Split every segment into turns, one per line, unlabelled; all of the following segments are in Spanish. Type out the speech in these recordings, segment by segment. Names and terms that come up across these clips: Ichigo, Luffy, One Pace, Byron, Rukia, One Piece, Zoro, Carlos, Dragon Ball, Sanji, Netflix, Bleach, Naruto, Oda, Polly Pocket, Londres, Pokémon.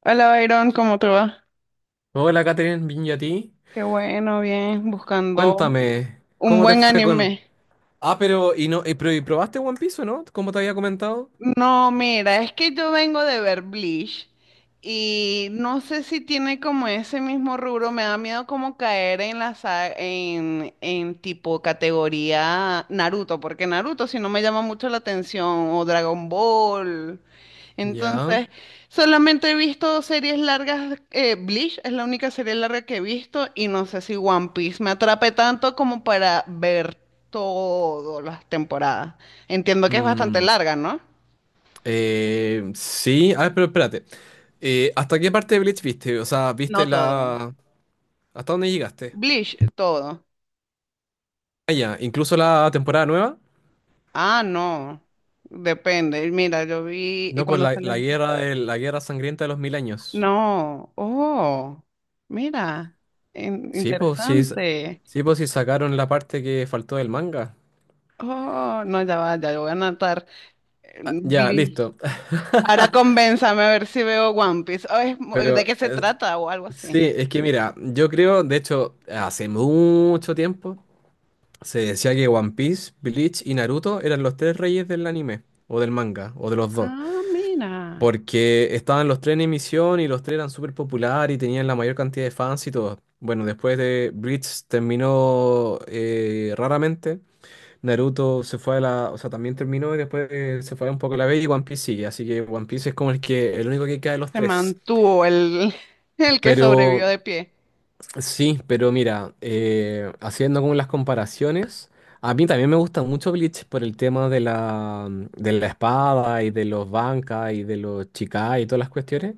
Hola, Byron, ¿cómo te va?
Hola, Catherine, bien y a ti.
Qué bueno, bien, buscando
Cuéntame,
un
¿cómo te
buen
fue con?
anime.
Ah, pero y no, y pero y probaste One Piece, o no? Como te había comentado.
No, mira, es que yo vengo de ver Bleach y no sé si tiene como ese mismo rubro, me da miedo como caer en la sa- en tipo categoría Naruto, porque Naruto si no me llama mucho la atención, o Dragon Ball.
Ya.
Entonces, solamente he visto series largas, Bleach es la única serie larga que he visto y no sé si One Piece me atrape tanto como para ver todas las temporadas. Entiendo que es bastante
Mm,
larga, ¿no?
sí, a ver, pero espérate. ¿Hasta qué parte de Bleach viste? O sea, ¿viste
No todo.
la? ¿Hasta dónde llegaste?
Bleach, todo.
Ah, ya, incluso la temporada nueva.
Ah, no. Depende. Mira, yo vi y
No, pues
cuando
la,
sale.
la guerra de, la guerra sangrienta de los mil años.
No. Oh, mira. In-
Sí, pues sí, s-
interesante.
sí, pues sí sacaron la parte que faltó del manga.
Oh, no, ya va, ya yo voy a anotar.
Ah, ya,
Bleach.
listo.
Ahora convénzame a ver si veo One Piece. Oh, ¿de
Pero
qué se
eh,
trata? O algo
Sí,
así.
es que mira, yo creo, de hecho, hace mucho tiempo se decía que One Piece, Bleach y Naruto eran los tres reyes del anime, o del manga, o de los dos,
Ah, mira.
porque estaban los tres en emisión y los tres eran súper populares y tenían la mayor cantidad de fans y todo. Bueno, después de Bleach terminó raramente, Naruto se fue o sea, también terminó y después se fue un poco a la B y One Piece sigue, así que One Piece es como el único que queda de los
Se
tres.
mantuvo el, el que
Pero
sobrevivió de pie.
Sí, pero mira, haciendo como las comparaciones, a mí también me gusta mucho Bleach por el tema de la espada y de los bancas y de los chicas y todas las cuestiones,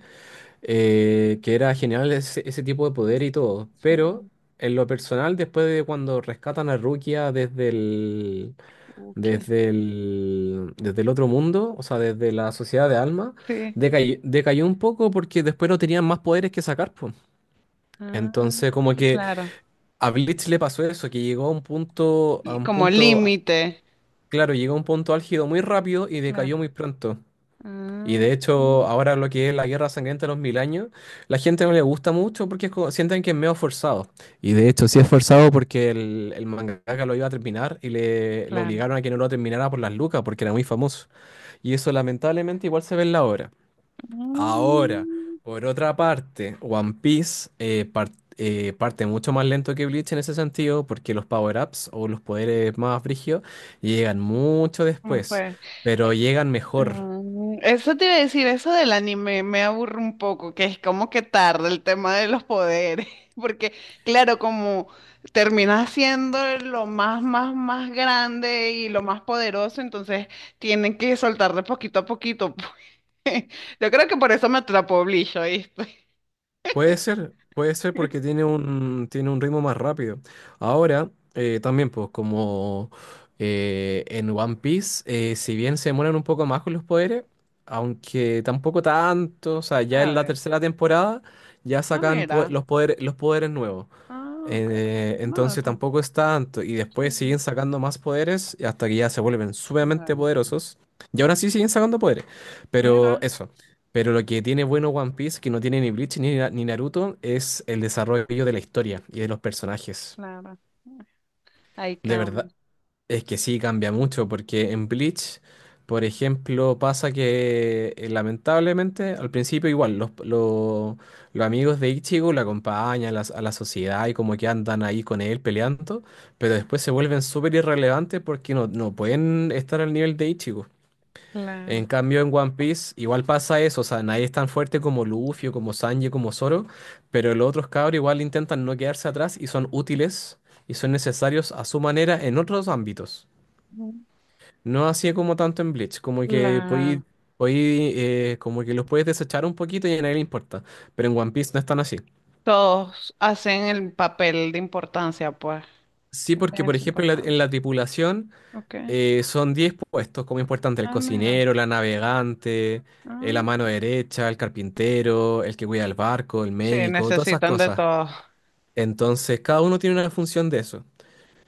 que era genial ese tipo de poder y todo.
Sí.
Pero en lo personal, después de cuando rescatan a Rukia desde el,
Ok.
desde el, desde el otro mundo, o sea, desde la sociedad de alma,
Sí.
decayó un poco porque después no tenían más poderes que sacar, pues.
Ah,
Entonces, como que.
claro.
A Bleach le pasó eso, que llegó a un punto, a un
Como
punto,
límite.
claro, llegó a un punto álgido muy rápido y decayó
Claro.
muy pronto. Y
Ah,
de hecho, ahora lo que es la Guerra Sangrienta de los Mil Años, la gente no le gusta mucho porque sienten que es medio forzado. Y de hecho, sí es forzado porque el mangaka lo iba a terminar lo
claro.
obligaron a que no lo terminara por las lucas porque era muy famoso. Y eso lamentablemente igual se ve en la obra. Ahora,
Mm,
por otra parte, One Piece parte mucho más lento que Bleach en ese sentido, porque los power-ups o los poderes más brígidos llegan mucho
¿Cómo
después,
fue?
pero llegan mejor.
Eso te iba a decir, eso del anime me aburre un poco, que es como que tarda el tema de los poderes, porque claro, como termina siendo lo más, más, más grande y lo más poderoso, entonces tienen que soltar de poquito a poquito, pues. Yo creo que por eso me atrapó Bleach, ¿oíste?
Puede ser porque tiene un ritmo más rápido. Ahora, también, pues, como en One Piece, si bien se demoran un poco más con los poderes, aunque tampoco tanto, o sea, ya
A
en la
ver.
tercera temporada ya
Ah,
sacan po-
mira.
los poderes, los poderes nuevos.
Ah, ok. No,
Entonces tampoco es tanto. Y
sí,
después siguen sacando más poderes y hasta que ya se vuelven sumamente
claro.
poderosos. Y aún así siguen sacando poderes. Pero
Mira,
eso. Pero lo que tiene bueno One Piece, que no tiene ni Bleach ni Naruto, es el desarrollo de la historia y de los personajes.
claro. Ahí
De
cambia.
verdad. Es que sí, cambia mucho, porque en Bleach, por ejemplo, pasa que lamentablemente al principio igual los amigos de Ichigo lo acompañan a la sociedad y como que andan ahí con él peleando, pero después se vuelven súper irrelevantes porque no pueden estar al nivel de Ichigo. En
Claro.
cambio, en One Piece igual pasa eso, o sea, nadie es tan fuerte como Luffy, o como Sanji, como Zoro, pero los otros cabros igual intentan no quedarse atrás y son útiles y son necesarios a su manera en otros ámbitos.
Ujú.
No hacía como tanto en Bleach,
Claro.
como que los puedes desechar un poquito y a nadie le importa. Pero en One Piece no es tan así.
Todos hacen el papel de importancia, pues.
Sí, porque
Tienen
por
su
ejemplo en la, en
importancia.
la tripulación
Ok.
son 10 puestos como importante, el
Ah, mira.
cocinero, la navegante, la
Ah,
mano derecha, el carpintero, el que cuida el barco, el
sí,
médico, todas esas
necesitan de
cosas.
todos.
Entonces cada uno tiene una función de eso.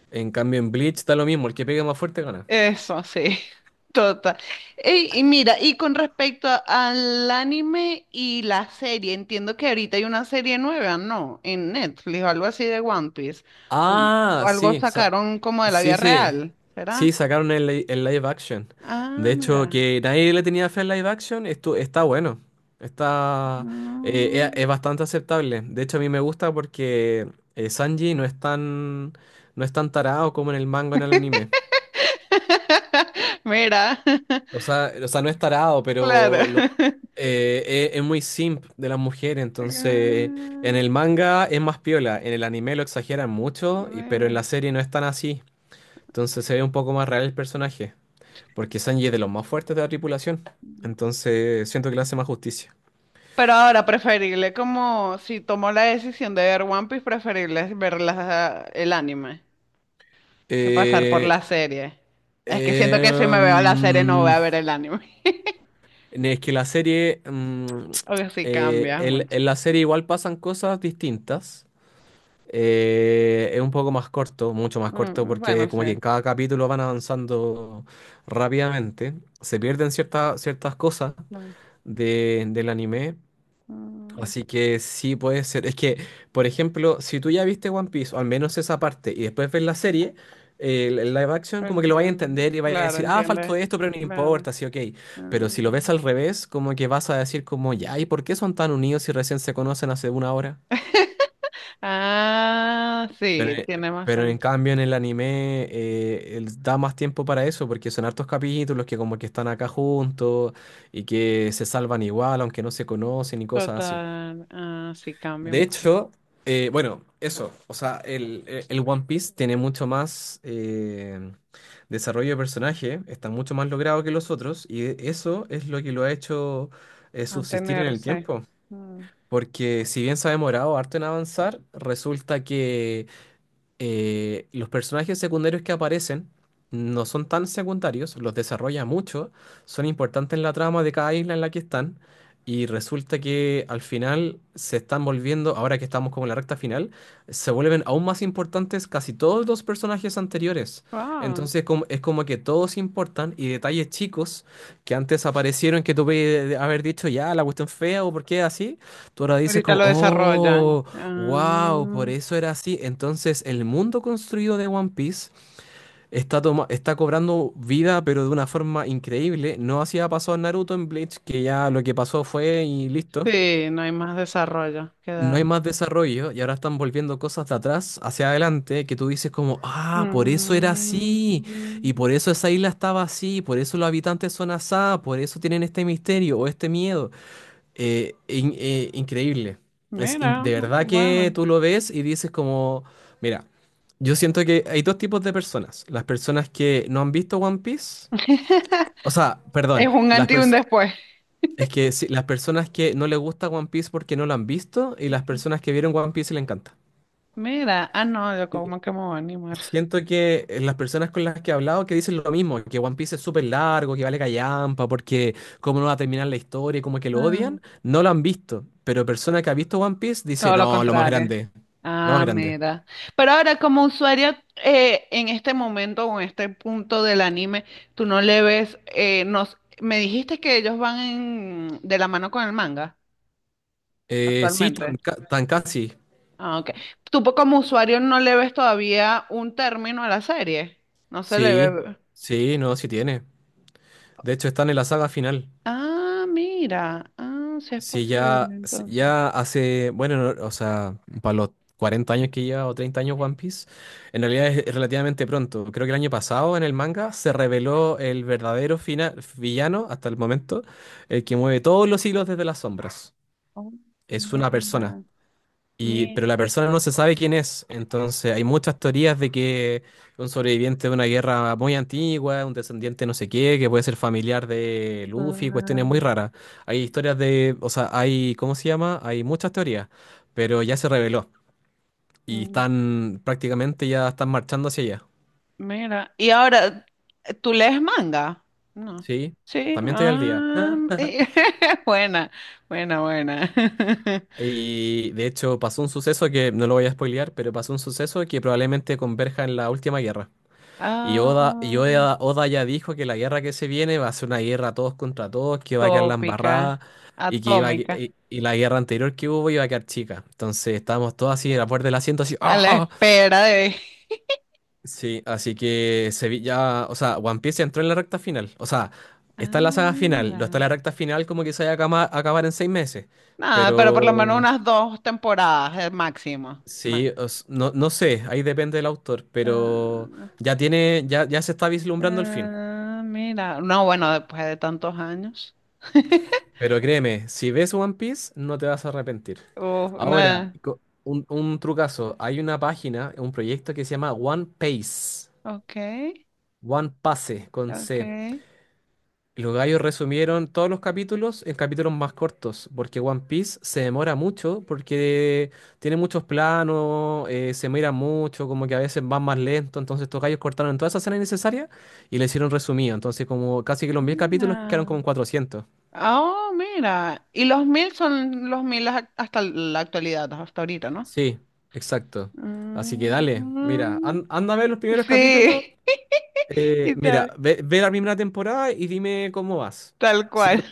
En cambio en Bleach da lo mismo, el que pegue más fuerte gana.
Eso, sí, total. Ey, y, mira, y con respecto al anime y la serie, entiendo que ahorita hay una serie nueva, ¿no? En Netflix o algo así de One Piece. O
Ah,
o algo
sí,
sacaron como de la vida
sí.
real,
Sí,
¿será?
sacaron el live action. De
Ah,
hecho,
mira.
que nadie le tenía fe al live action, esto está bueno. Está, es
Mm.
bastante aceptable. De hecho, a mí me gusta porque Sanji no es tan tarado como en el manga en el anime.
Mira,
O sea, o sea, no es tarado,
claro.
pero lo- eh, es, es muy simp de las mujeres. Entonces,
Ah,
en el manga es más piola. En el anime lo exageran mucho, pero en
mira.
la serie no es tan así. Entonces se ve un poco más real el personaje, porque Sanji es de los más fuertes de la tripulación. Entonces siento que le hace más justicia.
Pero ahora preferible, como si tomó la decisión de ver One Piece, preferible es ver el anime que pasar por, sí,
Eh,
la serie. Es que siento
eh,
que si me veo la serie no voy
mm,
a ver el anime.
es que la serie, mm,
O que sí cambia
el-
mucho.
en la serie igual pasan cosas distintas. Es un poco más corto, mucho más corto,
Mm,
porque
bueno,
como
sí.
que en cada capítulo van avanzando rápidamente. Se pierden ciertas cosas
Claro.
del anime.
Mm,
Así que sí puede ser. Es que, por ejemplo, si tú ya viste One Piece, o al menos esa parte, y después ves la serie, el live action, como que lo vayas a
entiendo.
entender y vayas a
Claro,
decir, ah, faltó esto,
entiendes.
pero no
Claro.
importa, sí, ok. Pero si lo ves
Mm.
al revés, como que vas a decir como, ya, ¿y por qué son tan unidos si recién se conocen hace una hora?
Ah,
Pero,
sí,
eh,
tiene más
pero en
sentido.
cambio en el anime da más tiempo para eso, porque son hartos capítulos que como que están acá juntos y que se salvan igual, aunque no se conocen y cosas así.
Total. Ah, sí, cambia
De
un poco.
hecho, bueno, eso, o sea, el One Piece tiene mucho más desarrollo de personaje, está mucho más logrado que los otros, y eso es lo que lo ha hecho subsistir en el
Mantenerse.
tiempo.
Mm.
Porque si bien se ha demorado harto en avanzar, resulta que los personajes secundarios que aparecen no son tan secundarios, los desarrolla mucho, son importantes en la trama de cada isla en la que están, y resulta que al final se están volviendo, ahora que estamos como en la recta final, se vuelven aún más importantes casi todos los personajes anteriores.
Wow.
Entonces, es como que todos importan y detalles chicos que antes aparecieron que tú puedes haber dicho, ya, la cuestión fea o por qué así, tú ahora dices
Ahorita
como,
lo desarrollan.
oh. Wow, por
Ah,
eso era así. Entonces, el mundo construido de One Piece está cobrando vida, pero de una forma increíble. No hacía pasó en Naruto, en Bleach, que ya lo que pasó fue y listo.
sí, no hay más desarrollo que
No hay
dar.
más desarrollo y ahora están volviendo cosas de atrás hacia adelante que tú dices como, ah, por eso era
Mm,
así, y por eso esa isla estaba así, por eso los habitantes son asá, por eso tienen este misterio o este miedo. Increíble.
mira,
De verdad que
bueno.
tú lo ves y dices como, mira, yo siento que hay dos tipos de personas. Las personas que no han visto One Piece, o sea,
Es
perdón,
un antes y un después.
es que sí, las personas que no les gusta One Piece porque no lo han visto y las personas que vieron One Piece y le encanta.
Mira, ah, no, yo como que me voy a animar.
Siento que las personas con las que he hablado que dicen lo mismo, que One Piece es súper largo, que vale callampa, porque cómo no va a terminar la historia, y como que lo
Ah,
odian, no lo han visto. Pero persona que ha visto One Piece dice,
todo lo
no, lo más
contrario.
grande, lo más
Ah,
grande.
mira. Pero ahora, como usuario, en este momento o en este punto del anime, tú no le ves, me dijiste que ellos van de la mano con el manga
Sí, tan,
actualmente.
ca- tan casi,
Ah, ok. Como usuario no le ves todavía un término a la serie. No se le
sí,
ve.
sí, no, sí tiene. De hecho, están en la saga final.
Ah, mira. Ah, sí es
Sí,
posible,
ya, sí,
entonces.
bueno, no, o sea, para los 40 años que lleva o 30 años One Piece, en realidad es relativamente pronto. Creo que el año pasado en el manga se reveló el verdadero villano hasta el momento, el que mueve todos los hilos desde las sombras.
Oh,
Es
mira,
una persona.
mira.
Pero la persona no se sabe quién es, entonces hay muchas teorías de que un sobreviviente de una guerra muy antigua, un descendiente no sé qué, que puede ser familiar de Luffy, cuestiones muy raras. Hay historias de, o sea, hay, ¿cómo se llama? Hay muchas teorías, pero ya se reveló y
mm,
están prácticamente ya están marchando hacia allá,
Mira. Y ahora, ¿tú lees manga? No.
¿sí?
Sí.
También estoy al día.
Ah, buena, buena, buena.
Y de hecho pasó un suceso que, no lo voy a spoilear, pero pasó un suceso que probablemente converja en la última guerra. Y Oda, y
Ah,
Oda, Oda ya dijo que la guerra que se viene va a ser una guerra todos contra todos, que va a quedar la embarrada
tópica,
y que iba a
atómica,
y la guerra anterior que hubo iba a quedar chica. Entonces estábamos todos así en la puerta del asiento, así,
a la
¡ajá!
espera de...
Sí, así que se vi ya, o sea, One Piece entró en la recta final. O sea,
Ah,
está en la saga final, no está en
mira.
la recta final como que se vaya a a acabar en 6 meses.
Nada, pero por lo menos
Pero
unas dos temporadas, el máximo.
sí, no sé, ahí depende del autor, pero
Ah,
ya se está vislumbrando el fin.
ah, mira, no, bueno, después de tantos años.
Pero créeme, si ves One Piece, no te vas a arrepentir. Ahora,
No,
un trucazo. Hay una página, un proyecto que se llama One Pace.
ok,
One Pase, con
ok.
C. Los gallos resumieron todos los capítulos en capítulos más cortos, porque One Piece se demora mucho, porque tiene muchos planos, se mira mucho, como que a veces van más lento, entonces estos gallos cortaron todas esas escenas innecesarias y le hicieron resumido, entonces como casi que los 1000 capítulos quedaron
Mira.
como en 400.
Oh, mira. Y los 1000 son los 1000 hasta la actualidad, hasta ahorita, ¿no?
Sí, exacto. Así que dale, mira,
Mm,
anda a ver los primeros capítulos.
sí, y
Mira,
tal,
ve la primera temporada y dime cómo vas.
tal
Si, no
cual.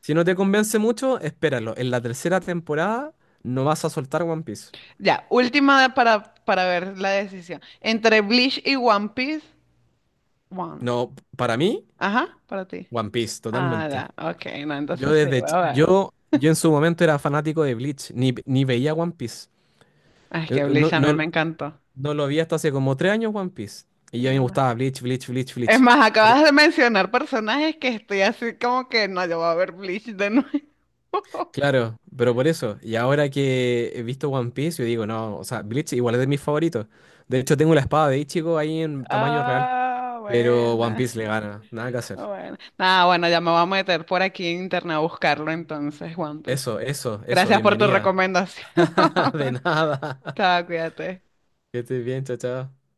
si no te convence mucho, espéralo. En la tercera temporada no vas a soltar One Piece.
Ya, última para ver la decisión. Entre Bleach y One Piece, One.
No, para mí,
Ajá, para ti.
One Piece,
Ah,
totalmente.
ya. Ok, no,
Yo
entonces sí,
desde
voy
ch-
a ver.
yo en su momento era fanático de Bleach, ni veía One Piece.
Ay, es que
No,
Bleach a mí
no,
me encantó.
no lo vi hasta hace como 3 años One Piece. Y ya me
Mira.
gustaba Bleach, Bleach, Bleach,
Es
Bleach.
más, acabas de mencionar personajes que estoy así como que no, yo voy a ver Bleach de nuevo.
Claro, pero por eso, y ahora que he visto One Piece, yo digo, no, o sea, Bleach igual es de mis favoritos. De hecho, tengo la espada de Ichigo ahí en tamaño real,
Ah,
pero One
buena.
Piece le gana, nada que hacer.
Bueno. Nada, bueno, ya me voy a meter por aquí en internet a buscarlo entonces, One Piece.
Eso,
Gracias por tu
bienvenida.
recomendación.
De nada.
Chao, cuídate.
Que estés bien, chao, chao.